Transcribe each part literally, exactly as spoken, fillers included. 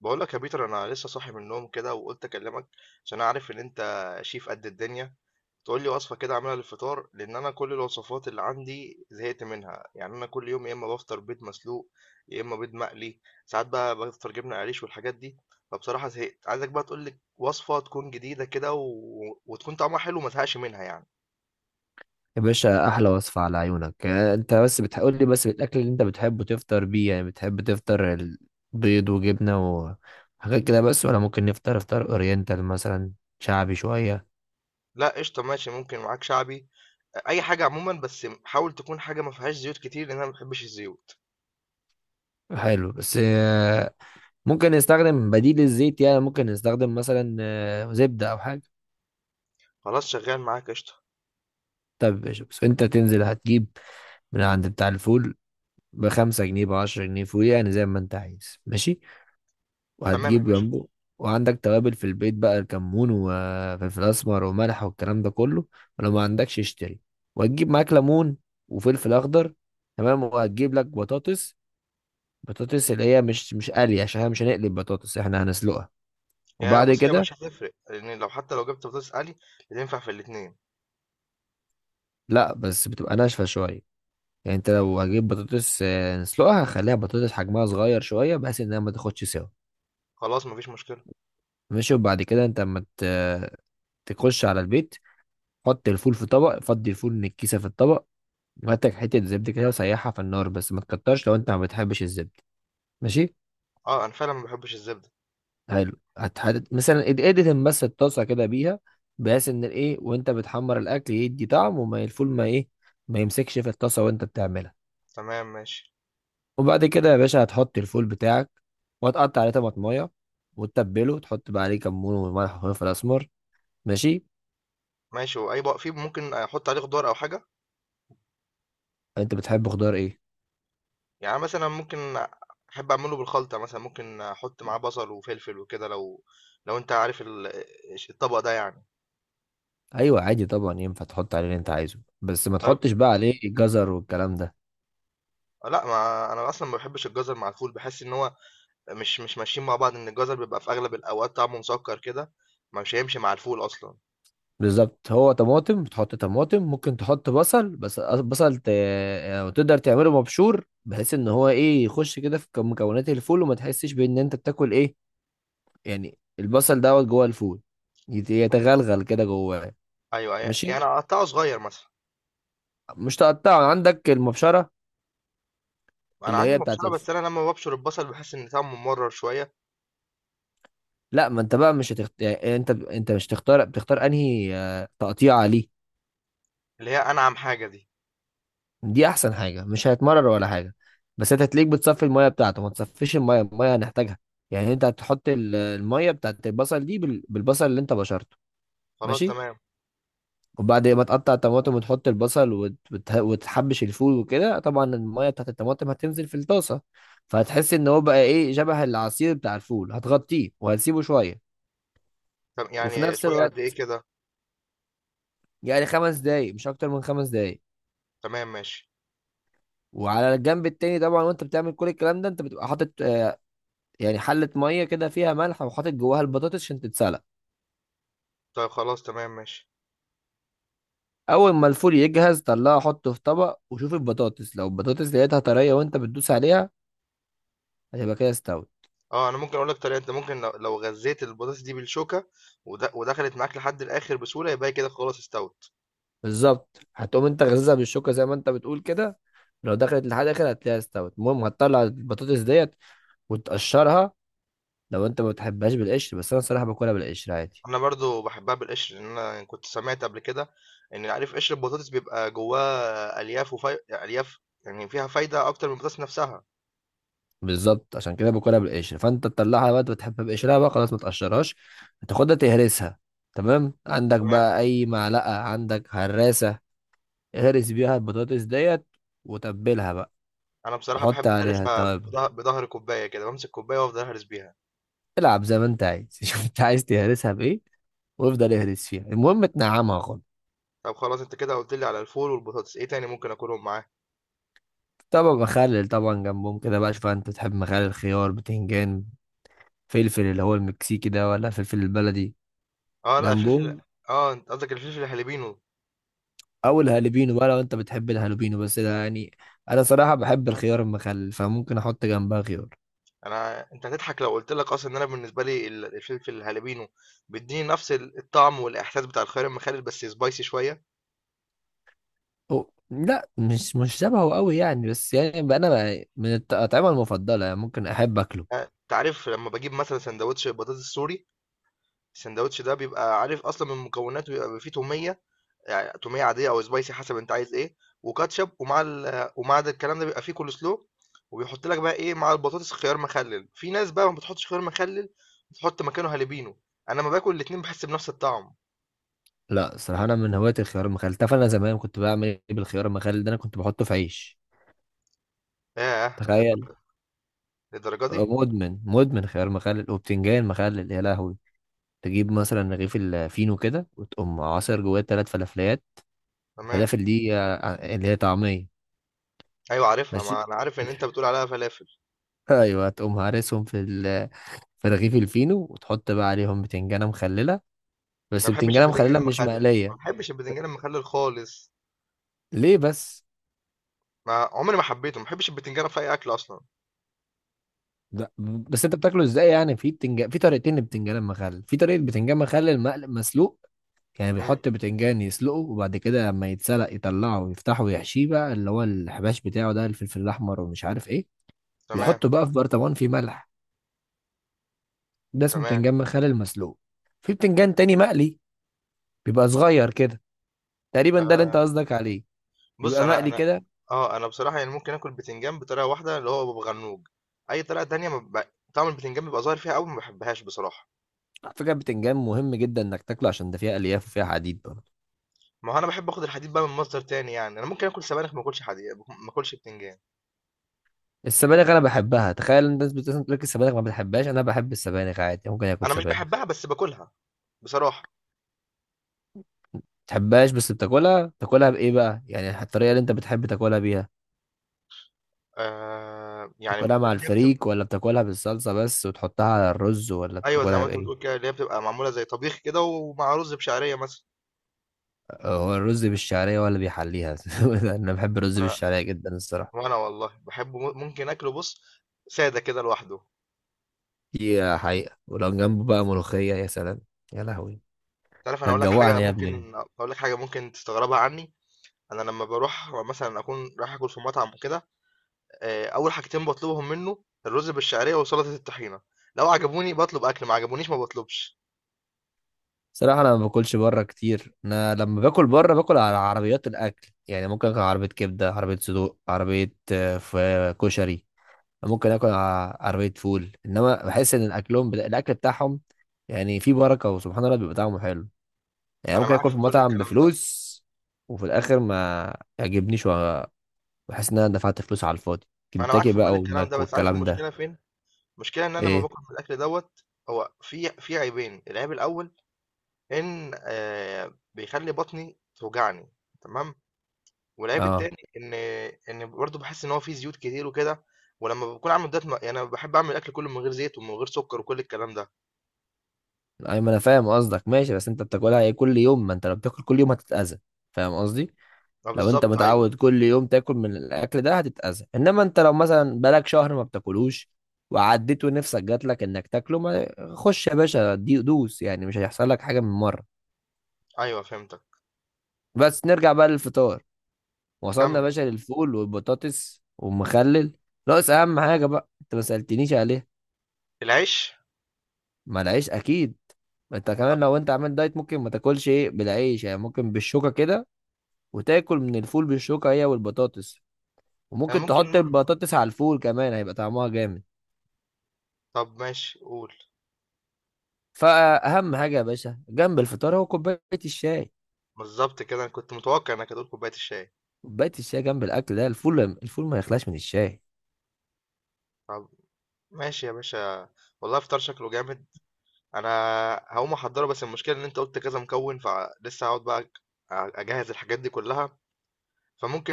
بقول لك يا بيتر، انا لسه صاحي من النوم كده وقلت اكلمك عشان اعرف ان انت شيف قد الدنيا. تقول لي وصفه كده اعملها للفطار، لان انا كل الوصفات اللي عندي زهقت منها. يعني انا كل يوم يا اما بفطر بيض مسلوق يا اما بيض مقلي، ساعات بقى بفطر جبنه قريش والحاجات دي. فبصراحه زهقت، عايزك بقى تقول لي وصفه تكون جديده كده و... وتكون طعمها حلو وما تزهقش منها يعني. يا باشا احلى وصفة على عيونك. آه، انت بس بتقول لي بس الاكل اللي انت بتحبه تفطر بيه. يعني بتحب تفطر البيض وجبنة وحاجات كده بس، ولا ممكن نفطر افطار اورينتال مثلا؟ شعبي شوية. لا قشطه، ماشي ممكن معاك شعبي، اي حاجه عموما. بس حاول تكون حاجه ما فيهاش زيوت كتير لان انا ما بحبش الزيوت. حلو، بس آه، ممكن نستخدم بديل الزيت. يعني ممكن نستخدم مثلا آه، زبدة او حاجة. خلاص، شغال معاك قشطه. طب يا باشا، بس انت تنزل هتجيب من عند بتاع الفول بخمسة جنيه بعشرة جنيه فول، يعني زي ما انت عايز. ماشي. تمام يا وهتجيب باشا. جنبه. وعندك توابل في البيت بقى: كمون وفلفل اسمر وملح والكلام ده كله، ولو ما عندكش اشتري. وهتجيب معاك ليمون وفلفل اخضر. تمام. وهتجيب لك بطاطس، بطاطس اللي هي مش مش قلي، عشان احنا مش هنقلب بطاطس، احنا هنسلقها. يا وبعد بص، هي كده، مش هتفرق، لان لو حتى لو جبت بطاطس قلي بتنفع في الاتنين. لا بس بتبقى ناشفه شويه. يعني انت طب لو هجيب بطاطس آه، نسلقها، هخليها بطاطس حجمها صغير شويه بحيث انها ما تاخدش سوا. خلاص، مفيش مشكله. ماشي. وبعد كده انت اما ت- تخش على البيت، حط الفول في طبق فضي، الفول من الكيسه في الطبق. هاتك حتة زبدة كده وسيحها في النار، بس ما تكترش لو انت ما بتحبش الزبدة. ماشي. اه انا فعلا ما بحبش الزبده. حلو. هتحدد مثلا اد- ادهن بس الطاسة كده بيها، بحيث ان الايه، وانت بتحمر الاكل يدي طعم وما الفول ما ايه، ما يمسكش في الطاسة وانت بتعملها. تمام ماشي. وبعد كده يا باشا هتحط الفول بتاعك، وهتقطع عليه طماطمايه وتتبله، وتحط بقى عليه كمون وملح وفلفل اسمر. ماشي. ماشي، واي بقى فيه ممكن احط عليه خضار او حاجه؟ انت بتحب خضار ايه؟ يعني مثلا ممكن، احب اعمله بالخلطه مثلا، ممكن احط معاه بصل وفلفل وكده، لو لو انت عارف ال- الطبق ده يعني. ايوه، عادي طبعا ينفع تحط عليه اللي انت عايزه، بس ما طيب. تحطش بقى عليه جزر والكلام ده. لا، ما انا اصلا ما بحبش الجزر مع الفول، بحس ان هو مش مش ماشيين مع بعض، ان الجزر بيبقى في اغلب الاوقات طعمه مسكر كده، ما مش هيمشي مع الفول اصلا. بالظبط. هو طماطم، بتحط طماطم، ممكن تحط بصل، بس بصل ت... يعني تقدر تعمله مبشور، بحيث ان هو ايه، يخش كده في مكونات الفول وما تحسش بان انت بتاكل ايه. يعني البصل دوت جوه الفول يت- يتغلغل كده جواه. ايوه، ماشي. يعني اقطعه صغير مثلا؟ مش تقطعه، عندك المبشره انا اللي عندي هي بتاعت مبشره الف... بس انا لما ببشر البصل بحس ان طعمه ممرر شويه. لا، ما انت بقى مش هتخت... يعني انت انت مش تختار، بتختار انهي آه، تقطيعه. ليه، اللي هي انعم حاجه دي. دي احسن حاجه، مش هيتمرر ولا حاجه. بس انت هتلاقيك بتصفي الميه بتاعته، ما تصفيش الميه، الميه هنحتاجها. يعني انت هتحط ال- الميه بتاعت البصل دي بال- بالبصل اللي انت بشرته. خلاص ماشي. تمام. وبعد ما تقطع الطماطم وتحط البصل وت- وت- وتحبش الفول وكده، طبعا الميه بتاعت الطماطم هتنزل في الطاسه. فهتحس ان هو بقى ايه، شبه العصير بتاع الفول، هتغطيه وهتسيبه شويه. طب وفي يعني نفس شويه قد ايه الوقت كده؟ يعني خمس دقايق، مش اكتر من خمس دقايق. تمام ماشي. وعلى الجنب التاني طبعا، وانت بتعمل كل الكلام ده، انت بتبقى حاطط آه، يعني حلة مية كده فيها ملح، وحاطط جواها البطاطس عشان تتسلق. طيب خلاص تمام ماشي. أول ما الفول يجهز، طلعه حطه في طبق، وشوف البطاطس. لو البطاطس لقيتها طرية وأنت بتدوس عليها، هتبقى كده استوت. اه انا ممكن اقول لك طريقه، انت ممكن لو, لو غزيت البطاطس دي بالشوكه ود- ودخلت معاك لحد الاخر بسهوله، يبقى هي كده خلاص استوت. بالظبط. هتقوم أنت غزها بالشوكة زي ما أنت بتقول كده، لو دخلت لحد آخر هتلاقيها استوت. المهم هتطلع البطاطس ديت وتقشرها، لو أنت ما بتحبهاش بالقشر، بس أنا صراحة باكلها بالقشر عادي. انا برضو بحبها بالقشر، لان انا كنت سمعت قبل كده ان، عارف، قشر البطاطس بيبقى جواه الياف وفي... الياف، يعني فيها فايده اكتر من البطاطس نفسها. بالظبط، عشان كده باكلها بالقشر. فانت تطلعها بقى، انت بتحبها بقشرها بقى خلاص، ما تقشرهاش. هتاخدها تهرسها. تمام. عندك تمام. بقى اي معلقه، عندك هراسه، اهرس بيها البطاطس ديت وتبلها بقى. انا بصراحه وحط بحب عليها، اهرسها طب بظه- بظهر كوبايه، كده بمسك كوبايه وافضل اهرس بيها. العب زي ما انت عايز. شوف انت عايز تهرسها بايه، وافضل اهرس فيها، المهم تنعمها خالص. طب خلاص، انت كده قلت لي على الفول والبطاطس، ايه تاني ممكن اكلهم معاه؟ طبعا مخلل، طبعا جنبهم كده بقى. شوف، انت بتحب مخلل خيار، بتنجان، فلفل اللي هو المكسيكي ده، ولا فلفل البلدي؟ اه لا، الفلفل. جنبهم. اه انت قصدك الفلفل الهالبينو؟ او الهالوبينو بقى، لو انت بتحب الهالوبينو، بس ده يعني انا صراحه بحب الخيار المخلل، فممكن احط جنبها خيار. انا، انت هتضحك لو قلت لك، اصلا ان انا بالنسبه لي ال- الفلفل الهالبينو بيديني نفس ال- الطعم والاحساس بتاع الخيار المخلل، بس سبايسي شويه. أو لا، مش مش شبهه قوي يعني، بس يعني بقى انا بقى من الاطعمه المفضله، يعني ممكن احب اكله. آه، انت عارف لما بجيب مثلا سندوتش بطاطس سوري؟ السندوتش ده بيبقى، عارف، اصلا من مكوناته بيبقى فيه توميه، يعني تومية عادية أو سبايسي حسب أنت عايز إيه، وكاتشب، ومع ال ومع ده الكلام ده بيبقى فيه كول سلو، وبيحط لك بقى إيه مع البطاطس خيار مخلل. في ناس بقى ما بتحطش خيار مخلل، بتحط مكانه هالبينو. أنا لما باكل الاتنين بحس بنفس الطعم. لا، صراحه انا من هواة الخيار المخلل. تعرف انا زمان كنت بعمل ايه بالخيار المخلل ده؟ انا كنت بحطه في عيش. ياه، تخيل. للدرجة؟ للدرجة دي؟ مدمن مدمن خيار مخلل وبتنجان مخلل، يا لهوي. تجيب مثلا رغيف الفينو كده وتقوم عصر جواه ثلاث فلافليات. تمام. الفلافل دي آه، اللي هي طعميه. أيوة عارفها، ماشي. ما أنا عارف إن أنت بتقول عليها فلافل. ايوه، تقوم هارسهم في ال- في رغيف الفينو، وتحط بقى عليهم بتنجانه مخلله، أنا بس ما بحبش بتنجانه البتنجان مخلله مش المخلل، ما مقليه. بحبش البتنجان المخلل خالص. ليه بس؟ ما عمري ما حبيته، ما بحبش البتنجان في أي أكل أصلا. ده بس انت بتاكله ازاي يعني؟ في بتنجان، في طريقتين للبتنجان المخلل: في طريقه بتنجان مخلل مقلي مسلوق. يعني مم. بيحط بتنجان يسلقه، وبعد كده لما يتسلق يطلعه ويفتحه ويحشيه بقى اللي هو الحباش بتاعه، ده الفلفل الاحمر ومش عارف ايه. تمام. بيحطه بقى في برطمان فيه ملح، ده اسمه تمام. بتنجان مخلل مسلوق. في بتنجان تاني مقلي، بيبقى صغير كده تقريبا، ده اللي انت آه. قصدك عليه. بُص بيبقى أنا مقلي أنا كده. آه، أنا بصراحة يعني ممكن آكل بتنجان بطريقة واحدة، اللي هو ببغنوج، أي طريقة تانية ما ب طعم البتنجان بيبقى ظاهر فيها أوي، ما باحبهاش بصراحة. على فكرة بتنجان مهم جدا انك تاكله، عشان ده فيها الياف وفيها حديد برضه. ما هو أنا باحب آخد الحديد بقى من مصدر تاني يعني، أنا ممكن آكل سبانخ ما آكلش حدي ما آكلش بتنجان. السبانخ انا بحبها. تخيل إن الناس بتقول لك السبانخ ما بتحبهاش، انا بحب السبانخ عادي، ممكن اكل أنا مش سبانخ. ما باحبها بس باكلها بصراحة. بتحبهاش بس بتاكلها؟ تاكلها بايه بقى يعني؟ الطريقة اللي انت بتحب تاكلها بيها، آآ يعني تاكلها مع اللي هي بتبقى، الفريك، ولا بتاكلها بالصلصة بس وتحطها على الرز، ولا أيوه زي بتاكلها ما أنت بتقول بايه؟ كده، اللي هي بتبقى معمولة زي طبيخ كده ومع رز بشعرية مثلًا. هو الرز بالشعرية، ولا بيحليها؟ انا بحب الرز أنا بالشعرية جدا الصراحة. وأنا والله باحبه، م ممكن آكله، بُص، سادة كده لوحده. دي حقيقة، ولو جنبه بقى ملوخية، يا سلام. يا لهوي، أنت عارف أنا هاقول لك حاجة؟ هتجوعني يا ابني. ممكن هاقول لك حاجة ممكن تستغربها عني؟ انا لما بروح مثلا اكون رايح اكل في مطعم وكده، آه، اول حاجتين بطلبهم منه الرز بالشعريه وسلطه الطحينه. لو عجبوني بطلب اكل، ما عجبونيش ما بطلبش. صراحة أنا ما باكلش بره كتير. أنا لما باكل بره باكل على عربيات الأكل. يعني ممكن آكل عربية كبدة، عربية صدوق، عربية آه، ف- كشري، ممكن آكل ع- عربية فول. إنما بحس إن أكلهم بتا- الأكل بتاعهم يعني فيه بركة، وسبحان الله بيبقى طعمه حلو. يعني انا ممكن معاك آكل في في كل مطعم الكلام ده. بفلوس، وفي الآخر ما يعجبنيش، وبحس إن أنا دفعت فلوس على الفاضي. انا معاك كنتاكي في كل بقى الكلام ده وماك بس عارف والكلام المشكله ده. فين؟ المشكله ان انا لما إيه؟ باكل من الاكل دوت، هو في في عيبين. العيب الاول ان آه، بيخلي بطني توجعني. تمام. والعيب أه. التاني ان ان برضه بحس ان هو فيه زيوت كتير وكده. ولما بكون عامل دايت ما- يعني انا بحب اعمل الاكل كله من غير زيت ومن غير سكر وكل الكلام ده. أيوة، ما أنا فاهم قصدك. ماشي. بس أنت بتاكلها إيه كل يوم؟ ما أنت لو بتاكل كل يوم هتتأذى، فاهم قصدي؟ ما لو انت بالظبط ايوه. متعود كل يوم تاكل من الاكل ده هتتأذى، انما انت لو مثلا بقالك شهر ما بتاكلوش وعديت ونفسك جات لك انك تاكله، ما خش يا باشا دي دوس، يعني مش هيحصل لك حاجه من مره. ايوه فهمتك. بس نرجع بقى للفطار. وصلنا يا كمل. باشا للفول والبطاطس والمخلل. ناقص اهم حاجه بقى، انت ما سالتنيش عليها. العيش. ما العيش اكيد. ما انت طب كمان لو انت عامل دايت ممكن ما تاكلش ايه بالعيش، يعني ممكن بالشوكه كده، وتاكل من الفول بالشوكه هي والبطاطس. انا وممكن ممكن تحط برضه. البطاطس على الفول، كمان هيبقى طعمها جامد. طب ماشي قول. فاهم حاجه يا باشا جنب الفطار؟ هو كوبايه الشاي. بالظبط كده، انا كنت متوقع انك هتقول كوبايه الشاي. كوبايه الشاي جنب الاكل ده، الفول، الفول ما يخلاش من الشاي. طب ماشي يا باشا. والله افطار شكله جامد. انا هقوم احضره، بس المشكله ان انت قلت كذا مكون، فلسه هقعد بقى اجهز الحاجات دي كلها.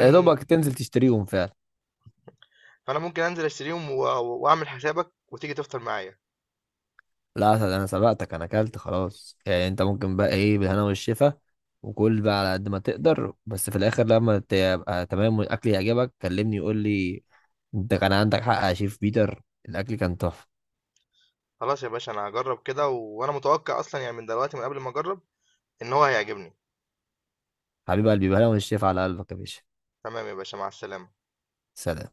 يا دوبك تنزل تشتريهم فعلا. فانا ممكن انزل اشتريهم و- واعمل حسابك وتيجي تفطر معايا. لا أسد، انا سبقتك، انا اكلت خلاص. يعني انت ممكن بقى ايه بالهنا والشفا، وكل بقى على قد ما تقدر، بس في الاخر لما تبقى تمام والاكل يعجبك كلمني، يقول لي: انت كان عندك حق يا شيف بيتر، الاكل كان تحفه. خلاص يا باشا، انا هجرب كده، وانا متوقع اصلا، يعني من دلوقتي من قبل ما اجرب ان هو هيعجبني. حبيب قلبي، بالهنا والشفا على قلبك يا باشا. تمام يا باشا، مع السلامه. سلام.